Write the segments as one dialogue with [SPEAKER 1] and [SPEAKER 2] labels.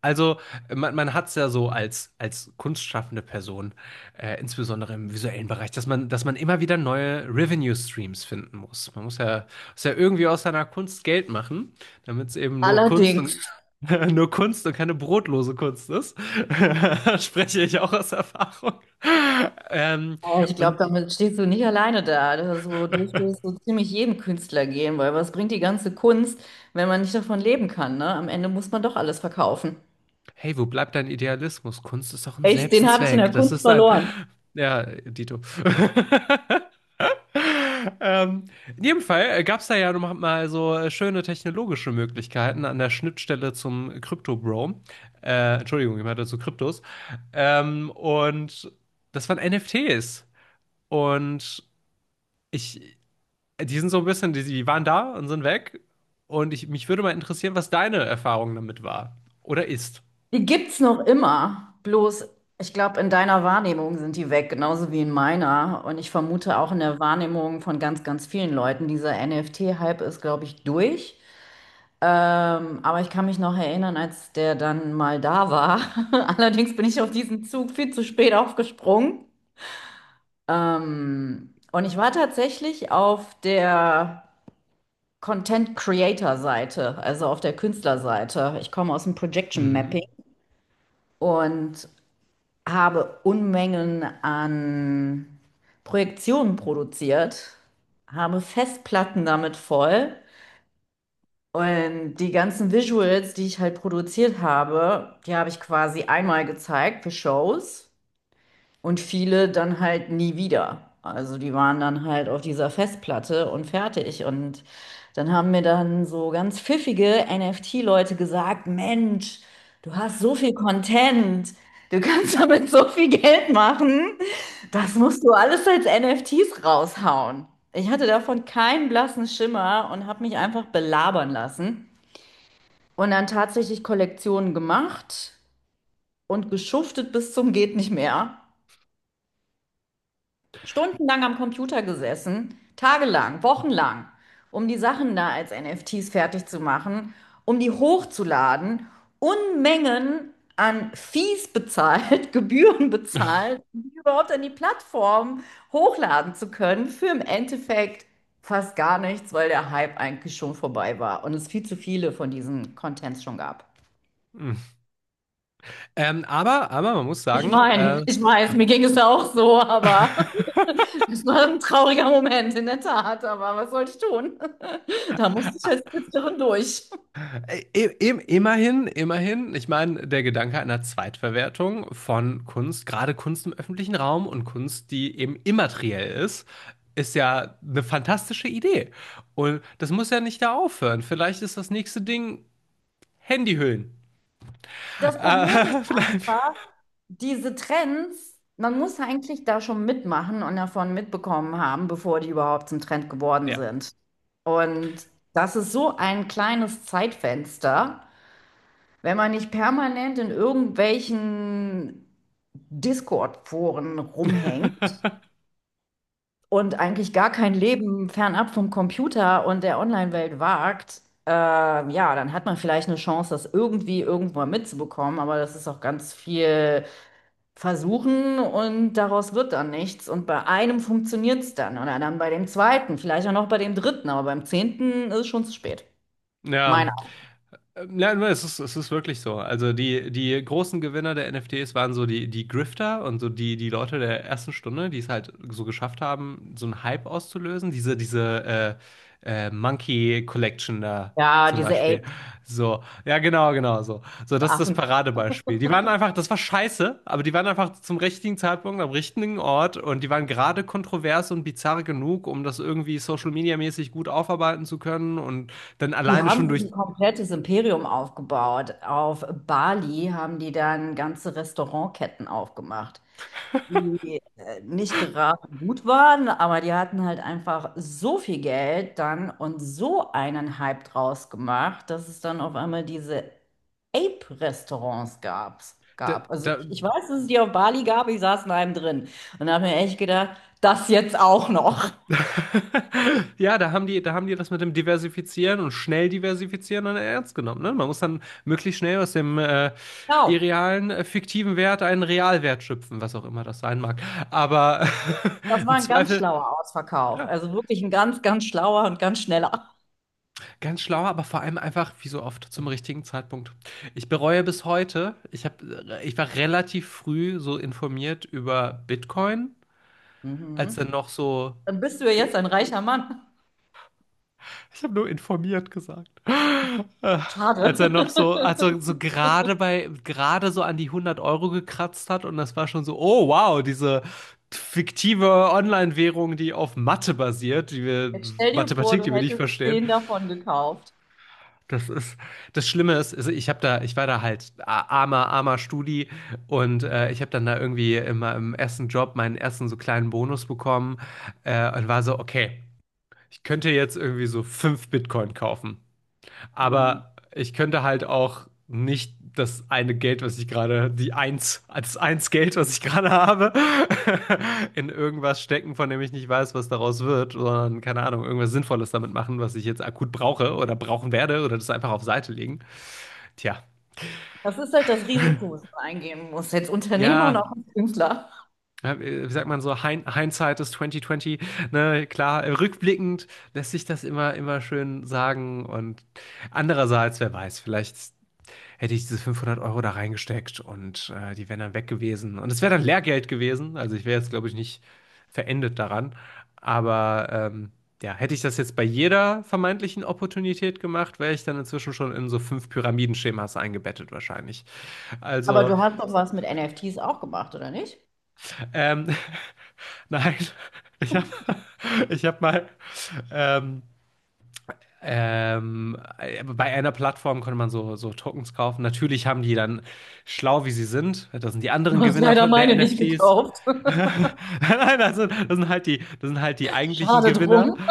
[SPEAKER 1] Also man hat es ja so als kunstschaffende Person, insbesondere im visuellen Bereich, dass man, immer wieder neue Revenue-Streams finden muss. Man muss ja, irgendwie aus seiner Kunst Geld machen, damit es eben nur Kunst
[SPEAKER 2] Allerdings,
[SPEAKER 1] und nur Kunst und keine brotlose Kunst ist. Spreche ich auch aus Erfahrung. Ähm,
[SPEAKER 2] aber ich glaube,
[SPEAKER 1] und
[SPEAKER 2] damit stehst du nicht alleine da. Das ist so, dürfte es so ziemlich jedem Künstler gehen, weil was bringt die ganze Kunst, wenn man nicht davon leben kann, ne? Am Ende muss man doch alles verkaufen.
[SPEAKER 1] Hey, wo bleibt dein Idealismus? Kunst ist doch ein
[SPEAKER 2] Echt, den habe ich in
[SPEAKER 1] Selbstzweck.
[SPEAKER 2] der
[SPEAKER 1] Das
[SPEAKER 2] Kunst
[SPEAKER 1] ist ein.
[SPEAKER 2] verloren.
[SPEAKER 1] Ja, Dito. Ähm, in jedem Fall gab es da ja noch mal so schöne technologische Möglichkeiten an der Schnittstelle zum Crypto-Bro. Entschuldigung, ich meinte zu Kryptos. Und das waren NFTs. Und ich, Die sind so ein bisschen, die waren da und sind weg. Und ich, mich würde mal interessieren, was deine Erfahrung damit war. Oder ist.
[SPEAKER 2] Die gibt's noch immer, bloß ich glaube, in deiner Wahrnehmung sind die weg, genauso wie in meiner. Und ich vermute auch in der Wahrnehmung von ganz, ganz vielen Leuten. Dieser NFT-Hype ist, glaube ich, durch. Aber ich kann mich noch erinnern, als der dann mal da war. Allerdings bin ich auf diesen Zug viel zu spät aufgesprungen. Und ich war tatsächlich auf der Content Creator Seite, also auf der Künstlerseite. Ich komme aus dem Projection Mapping
[SPEAKER 1] Mhm.
[SPEAKER 2] und habe Unmengen an Projektionen produziert, habe Festplatten damit voll. Und die ganzen Visuals, die ich halt produziert habe, die habe ich quasi einmal gezeigt für Shows und viele dann halt nie wieder. Also die waren dann halt auf dieser Festplatte und fertig. Und dann haben mir dann so ganz pfiffige NFT-Leute gesagt, Mensch, du hast so viel Content, du kannst damit so viel Geld machen, das musst du alles als NFTs raushauen. Ich hatte davon keinen blassen Schimmer und habe mich einfach belabern lassen. Und dann tatsächlich Kollektionen gemacht und geschuftet bis zum geht nicht mehr. Stundenlang am Computer gesessen, tagelang, wochenlang, um die Sachen da als NFTs fertig zu machen, um die hochzuladen, Unmengen an Fees bezahlt, Gebühren bezahlt, um die überhaupt an die Plattform hochladen zu können, für im Endeffekt fast gar nichts, weil der Hype eigentlich schon vorbei war und es viel zu viele von diesen Contents schon gab.
[SPEAKER 1] Hm. Aber man muss
[SPEAKER 2] Ich
[SPEAKER 1] sagen,
[SPEAKER 2] meine, ich weiß, mir ging es ja auch so, aber es war ein trauriger Moment, in der Tat. Aber was soll ich tun? Da musste ich als Künstlerin durch.
[SPEAKER 1] immerhin, ich meine, der Gedanke einer Zweitverwertung von Kunst, gerade Kunst im öffentlichen Raum und Kunst, die eben immateriell ist, ist ja eine fantastische Idee. Und das muss ja nicht da aufhören. Vielleicht ist das nächste Ding Handyhüllen.
[SPEAKER 2] Das Problem ist
[SPEAKER 1] Äh, vielleicht,
[SPEAKER 2] einfach, diese Trends, man muss eigentlich da schon mitmachen und davon mitbekommen haben, bevor die überhaupt zum Trend geworden
[SPEAKER 1] ja.
[SPEAKER 2] sind. Und das ist so ein kleines Zeitfenster, wenn man nicht permanent in irgendwelchen Discord-Foren rumhängt und eigentlich gar kein Leben fernab vom Computer und der Online-Welt wagt, ja, dann hat man vielleicht eine Chance, das irgendwie irgendwo mitzubekommen, aber das ist auch ganz viel versuchen und daraus wird dann nichts. Und bei einem funktioniert es dann oder dann bei dem zweiten, vielleicht auch noch bei dem dritten, aber beim zehnten ist es schon zu spät.
[SPEAKER 1] Ja.
[SPEAKER 2] Meine,
[SPEAKER 1] Ja, nur, es ist, wirklich so. Also die großen Gewinner der NFTs waren so die Grifter und so die Leute der ersten Stunde, die es halt so geschafft haben, so einen Hype auszulösen. Diese Monkey Collection da
[SPEAKER 2] ja,
[SPEAKER 1] zum
[SPEAKER 2] diese
[SPEAKER 1] Beispiel.
[SPEAKER 2] Apes,
[SPEAKER 1] So, ja, genau, genau so. So, das ist das
[SPEAKER 2] Affen.
[SPEAKER 1] Paradebeispiel. Die waren einfach, das war scheiße, aber die waren einfach zum richtigen Zeitpunkt am richtigen Ort und die waren gerade kontrovers und bizarr genug, um das irgendwie Social Media mäßig gut aufarbeiten zu können und dann
[SPEAKER 2] Die
[SPEAKER 1] alleine
[SPEAKER 2] haben
[SPEAKER 1] schon
[SPEAKER 2] sich
[SPEAKER 1] durch.
[SPEAKER 2] ein komplettes Imperium aufgebaut. Auf Bali haben die dann ganze Restaurantketten aufgemacht, die nicht gerade gut waren, aber die hatten halt einfach so viel Geld dann und so einen Hype draus gemacht, dass es dann auf einmal diese Ape-Restaurants gab.
[SPEAKER 1] Da,
[SPEAKER 2] gab. Also
[SPEAKER 1] da,
[SPEAKER 2] ich, ich weiß, dass es die auf Bali gab, ich saß in einem drin und habe mir echt gedacht, das jetzt auch noch.
[SPEAKER 1] Ja, da haben die, das mit dem Diversifizieren und schnell diversifizieren dann ernst genommen. Ne? Man muss dann möglichst schnell aus dem
[SPEAKER 2] Genau,
[SPEAKER 1] irrealen, fiktiven Wert einen Realwert schöpfen, was auch immer das sein mag. Aber
[SPEAKER 2] das war
[SPEAKER 1] im
[SPEAKER 2] ein ganz
[SPEAKER 1] Zweifel,
[SPEAKER 2] schlauer Ausverkauf.
[SPEAKER 1] ja,
[SPEAKER 2] Also wirklich ein ganz, ganz schlauer und ganz schneller.
[SPEAKER 1] ganz schlau, aber vor allem einfach, wie so oft, zum richtigen Zeitpunkt. Ich bereue bis heute, ich war relativ früh so informiert über Bitcoin, als dann
[SPEAKER 2] Mhm.
[SPEAKER 1] noch so,
[SPEAKER 2] Dann bist du ja jetzt ein reicher Mann.
[SPEAKER 1] ich habe nur informiert gesagt. Äh,
[SPEAKER 2] Schade.
[SPEAKER 1] Als er so gerade bei, gerade so an die 100 Euro gekratzt hat und das war schon so, oh wow, diese fiktive Online-Währung, die auf Mathe basiert,
[SPEAKER 2] Jetzt stell dir vor,
[SPEAKER 1] Mathematik,
[SPEAKER 2] du
[SPEAKER 1] die wir nicht
[SPEAKER 2] hättest
[SPEAKER 1] verstehen.
[SPEAKER 2] zehn davon gekauft.
[SPEAKER 1] Das ist, Das Schlimme ist, ich war da halt armer, armer Studi und ich habe dann da irgendwie immer im ersten Job meinen ersten so kleinen Bonus bekommen und war so, okay, ich könnte jetzt irgendwie so 5 Bitcoin kaufen.
[SPEAKER 2] Hm.
[SPEAKER 1] Aber ich könnte halt auch nicht das eine Geld, was ich gerade, die eins, das eins Geld, was ich gerade habe, in irgendwas stecken, von dem ich nicht weiß, was daraus wird, sondern keine Ahnung, irgendwas Sinnvolles damit machen, was ich jetzt akut brauche oder brauchen werde oder das einfach auf Seite legen. Tja,
[SPEAKER 2] Das ist halt das Risiko, was man eingehen muss, als Unternehmer und
[SPEAKER 1] ja.
[SPEAKER 2] auch als Künstler.
[SPEAKER 1] Wie sagt man so, Hindsight ist 2020, ne, klar, rückblickend lässt sich das immer, immer schön sagen und andererseits, wer weiß, vielleicht hätte ich diese 500 Euro da reingesteckt und die wären dann weg gewesen. Und es wäre dann Lehrgeld gewesen. Also ich wäre jetzt, glaube ich, nicht verendet daran. Aber ja, hätte ich das jetzt bei jeder vermeintlichen Opportunität gemacht, wäre ich dann inzwischen schon in so fünf Pyramidenschemas eingebettet wahrscheinlich.
[SPEAKER 2] Aber
[SPEAKER 1] Also,
[SPEAKER 2] du hast doch was mit NFTs auch gemacht, oder nicht?
[SPEAKER 1] ähm, nein, ich habe ich hab mal... Ähm, Bei einer Plattform konnte man so Tokens kaufen. Natürlich haben die dann, schlau wie sie sind, das sind die
[SPEAKER 2] Du
[SPEAKER 1] anderen
[SPEAKER 2] hast
[SPEAKER 1] Gewinner
[SPEAKER 2] leider
[SPEAKER 1] der
[SPEAKER 2] meine nicht
[SPEAKER 1] NFTs.
[SPEAKER 2] gekauft.
[SPEAKER 1] Nein, das sind halt die eigentlichen
[SPEAKER 2] Schade
[SPEAKER 1] Gewinner.
[SPEAKER 2] drum.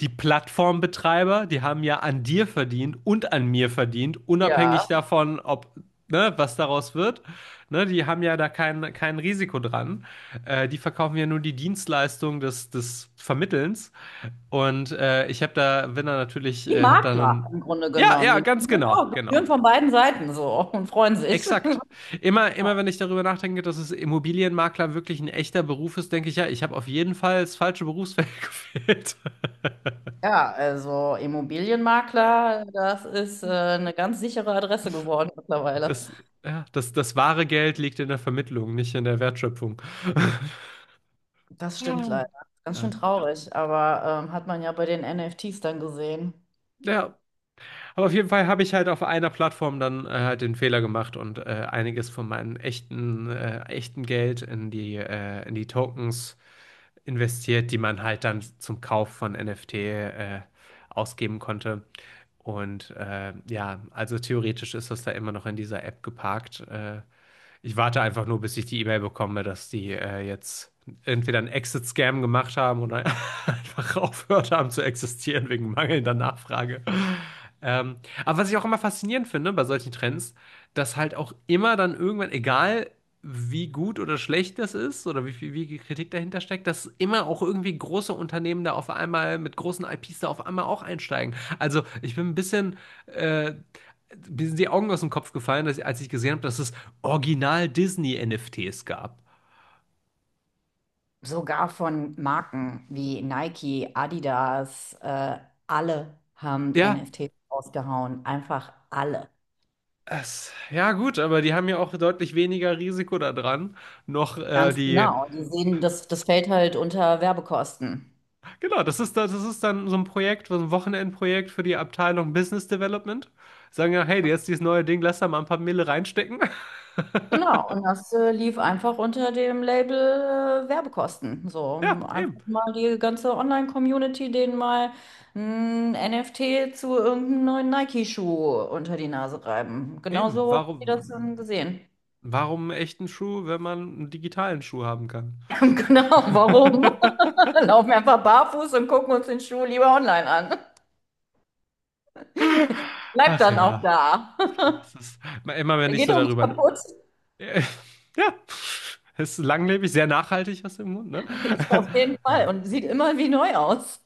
[SPEAKER 1] Die Plattformbetreiber, die haben ja an dir verdient und an mir verdient,
[SPEAKER 2] Ja.
[SPEAKER 1] unabhängig davon, ob, ne, was daraus wird. Ne, die haben ja da kein Risiko dran. Die verkaufen ja nur die Dienstleistung des Vermittelns. Und ich habe da, bin da natürlich,
[SPEAKER 2] Die
[SPEAKER 1] habe da
[SPEAKER 2] Makler
[SPEAKER 1] dann.
[SPEAKER 2] im Grunde
[SPEAKER 1] Ja,
[SPEAKER 2] genommen,
[SPEAKER 1] ja,
[SPEAKER 2] die.
[SPEAKER 1] ganz
[SPEAKER 2] Und
[SPEAKER 1] genau,
[SPEAKER 2] auch
[SPEAKER 1] genau.
[SPEAKER 2] Gebühren von beiden Seiten so und freuen sich.
[SPEAKER 1] Exakt. Immer wenn ich darüber nachdenke, dass es Immobilienmakler wirklich ein echter Beruf ist, denke ich, ja, ich habe auf jeden Fall das falsche Berufsfeld gewählt.
[SPEAKER 2] Ja, also Immobilienmakler, das ist eine ganz sichere Adresse geworden mittlerweile.
[SPEAKER 1] Das, ja, das wahre Geld liegt in der Vermittlung, nicht in der Wertschöpfung.
[SPEAKER 2] Das stimmt leider. Ganz schön traurig, aber hat man ja bei den NFTs dann gesehen.
[SPEAKER 1] Ja, aber auf jeden Fall habe ich halt auf einer Plattform dann halt den Fehler gemacht und einiges von meinem echten Geld in die Tokens investiert, die man halt dann zum Kauf von NFT ausgeben konnte. Und ja, also theoretisch ist das da immer noch in dieser App geparkt. Ich warte einfach nur, bis ich die E-Mail bekomme, dass die jetzt entweder einen Exit-Scam gemacht haben oder einfach aufgehört haben zu existieren wegen mangelnder Nachfrage. Ähm, aber was ich auch immer faszinierend finde bei solchen Trends, dass halt auch immer dann irgendwann, egal wie gut oder schlecht das ist oder wie viel Kritik dahinter steckt, dass immer auch irgendwie große Unternehmen da auf einmal mit großen IPs da auf einmal auch einsteigen. Also ich bin ein bisschen, äh, Mir sind die Augen aus dem Kopf gefallen, dass, als ich gesehen habe, dass es Original Disney-NFTs gab.
[SPEAKER 2] Sogar von Marken wie Nike, Adidas, alle haben
[SPEAKER 1] Ja.
[SPEAKER 2] NFTs rausgehauen. Einfach alle.
[SPEAKER 1] Ja gut, aber die haben ja auch deutlich weniger Risiko da dran, noch
[SPEAKER 2] Ganz
[SPEAKER 1] die
[SPEAKER 2] genau. Die sehen, das fällt halt unter Werbekosten.
[SPEAKER 1] Genau, das ist dann so ein Projekt, so ein Wochenendprojekt für die Abteilung Business Development. Sagen ja, hey, jetzt dieses neue Ding, lass da mal ein paar Mille reinstecken.
[SPEAKER 2] Genau, und das lief einfach unter dem Label Werbekosten. So, um
[SPEAKER 1] Ja,
[SPEAKER 2] einfach
[SPEAKER 1] eben.
[SPEAKER 2] mal die ganze Online-Community denen mal ein NFT zu irgendeinem neuen Nike-Schuh unter die Nase reiben.
[SPEAKER 1] Eben.
[SPEAKER 2] Genauso haben die das dann
[SPEAKER 1] Warum,
[SPEAKER 2] gesehen.
[SPEAKER 1] warum einen echten Schuh, wenn man einen digitalen Schuh haben kann?
[SPEAKER 2] Genau, warum? Laufen wir einfach barfuß und gucken uns den Schuh lieber online an. Bleibt
[SPEAKER 1] Ach
[SPEAKER 2] dann auch
[SPEAKER 1] ja,
[SPEAKER 2] da.
[SPEAKER 1] es ist immer, wenn
[SPEAKER 2] Der
[SPEAKER 1] ich
[SPEAKER 2] geht
[SPEAKER 1] so
[SPEAKER 2] auch nicht
[SPEAKER 1] darüber.
[SPEAKER 2] kaputt.
[SPEAKER 1] Ja, es ist langlebig, sehr nachhaltig aus dem Grund, ne?
[SPEAKER 2] Auf jeden Fall. Und sieht immer wie neu aus.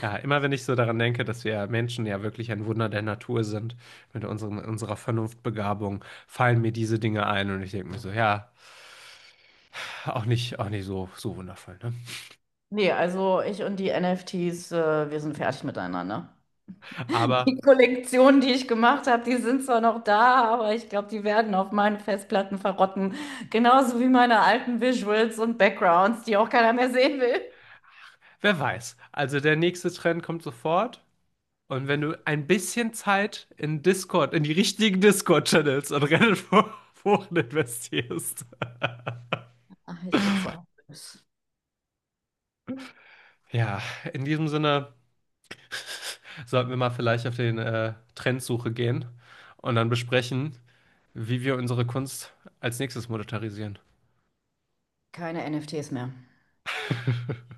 [SPEAKER 1] Ja, immer wenn ich so daran denke, dass wir Menschen ja wirklich ein Wunder der Natur sind, mit unseren, unserer Vernunftbegabung, fallen mir diese Dinge ein und ich denke mir so, ja, auch nicht so, so wundervoll, ne?
[SPEAKER 2] Nee, also ich und die NFTs, wir sind fertig miteinander.
[SPEAKER 1] Aber
[SPEAKER 2] Die Kollektionen, die ich gemacht habe, die sind zwar noch da, aber ich glaube, die werden auf meinen Festplatten verrotten. Genauso wie meine alten Visuals und Backgrounds, die auch keiner mehr sehen will.
[SPEAKER 1] wer weiß. Also der nächste Trend kommt sofort und wenn du ein bisschen Zeit in Discord, in die richtigen Discord-Channels und Reddit-Foren investierst.
[SPEAKER 2] Ach, ich bezweifle es.
[SPEAKER 1] Ja, in diesem Sinne sollten wir mal vielleicht auf den Trendsuche gehen und dann besprechen, wie wir unsere Kunst als nächstes monetarisieren.
[SPEAKER 2] Keine NFTs mehr.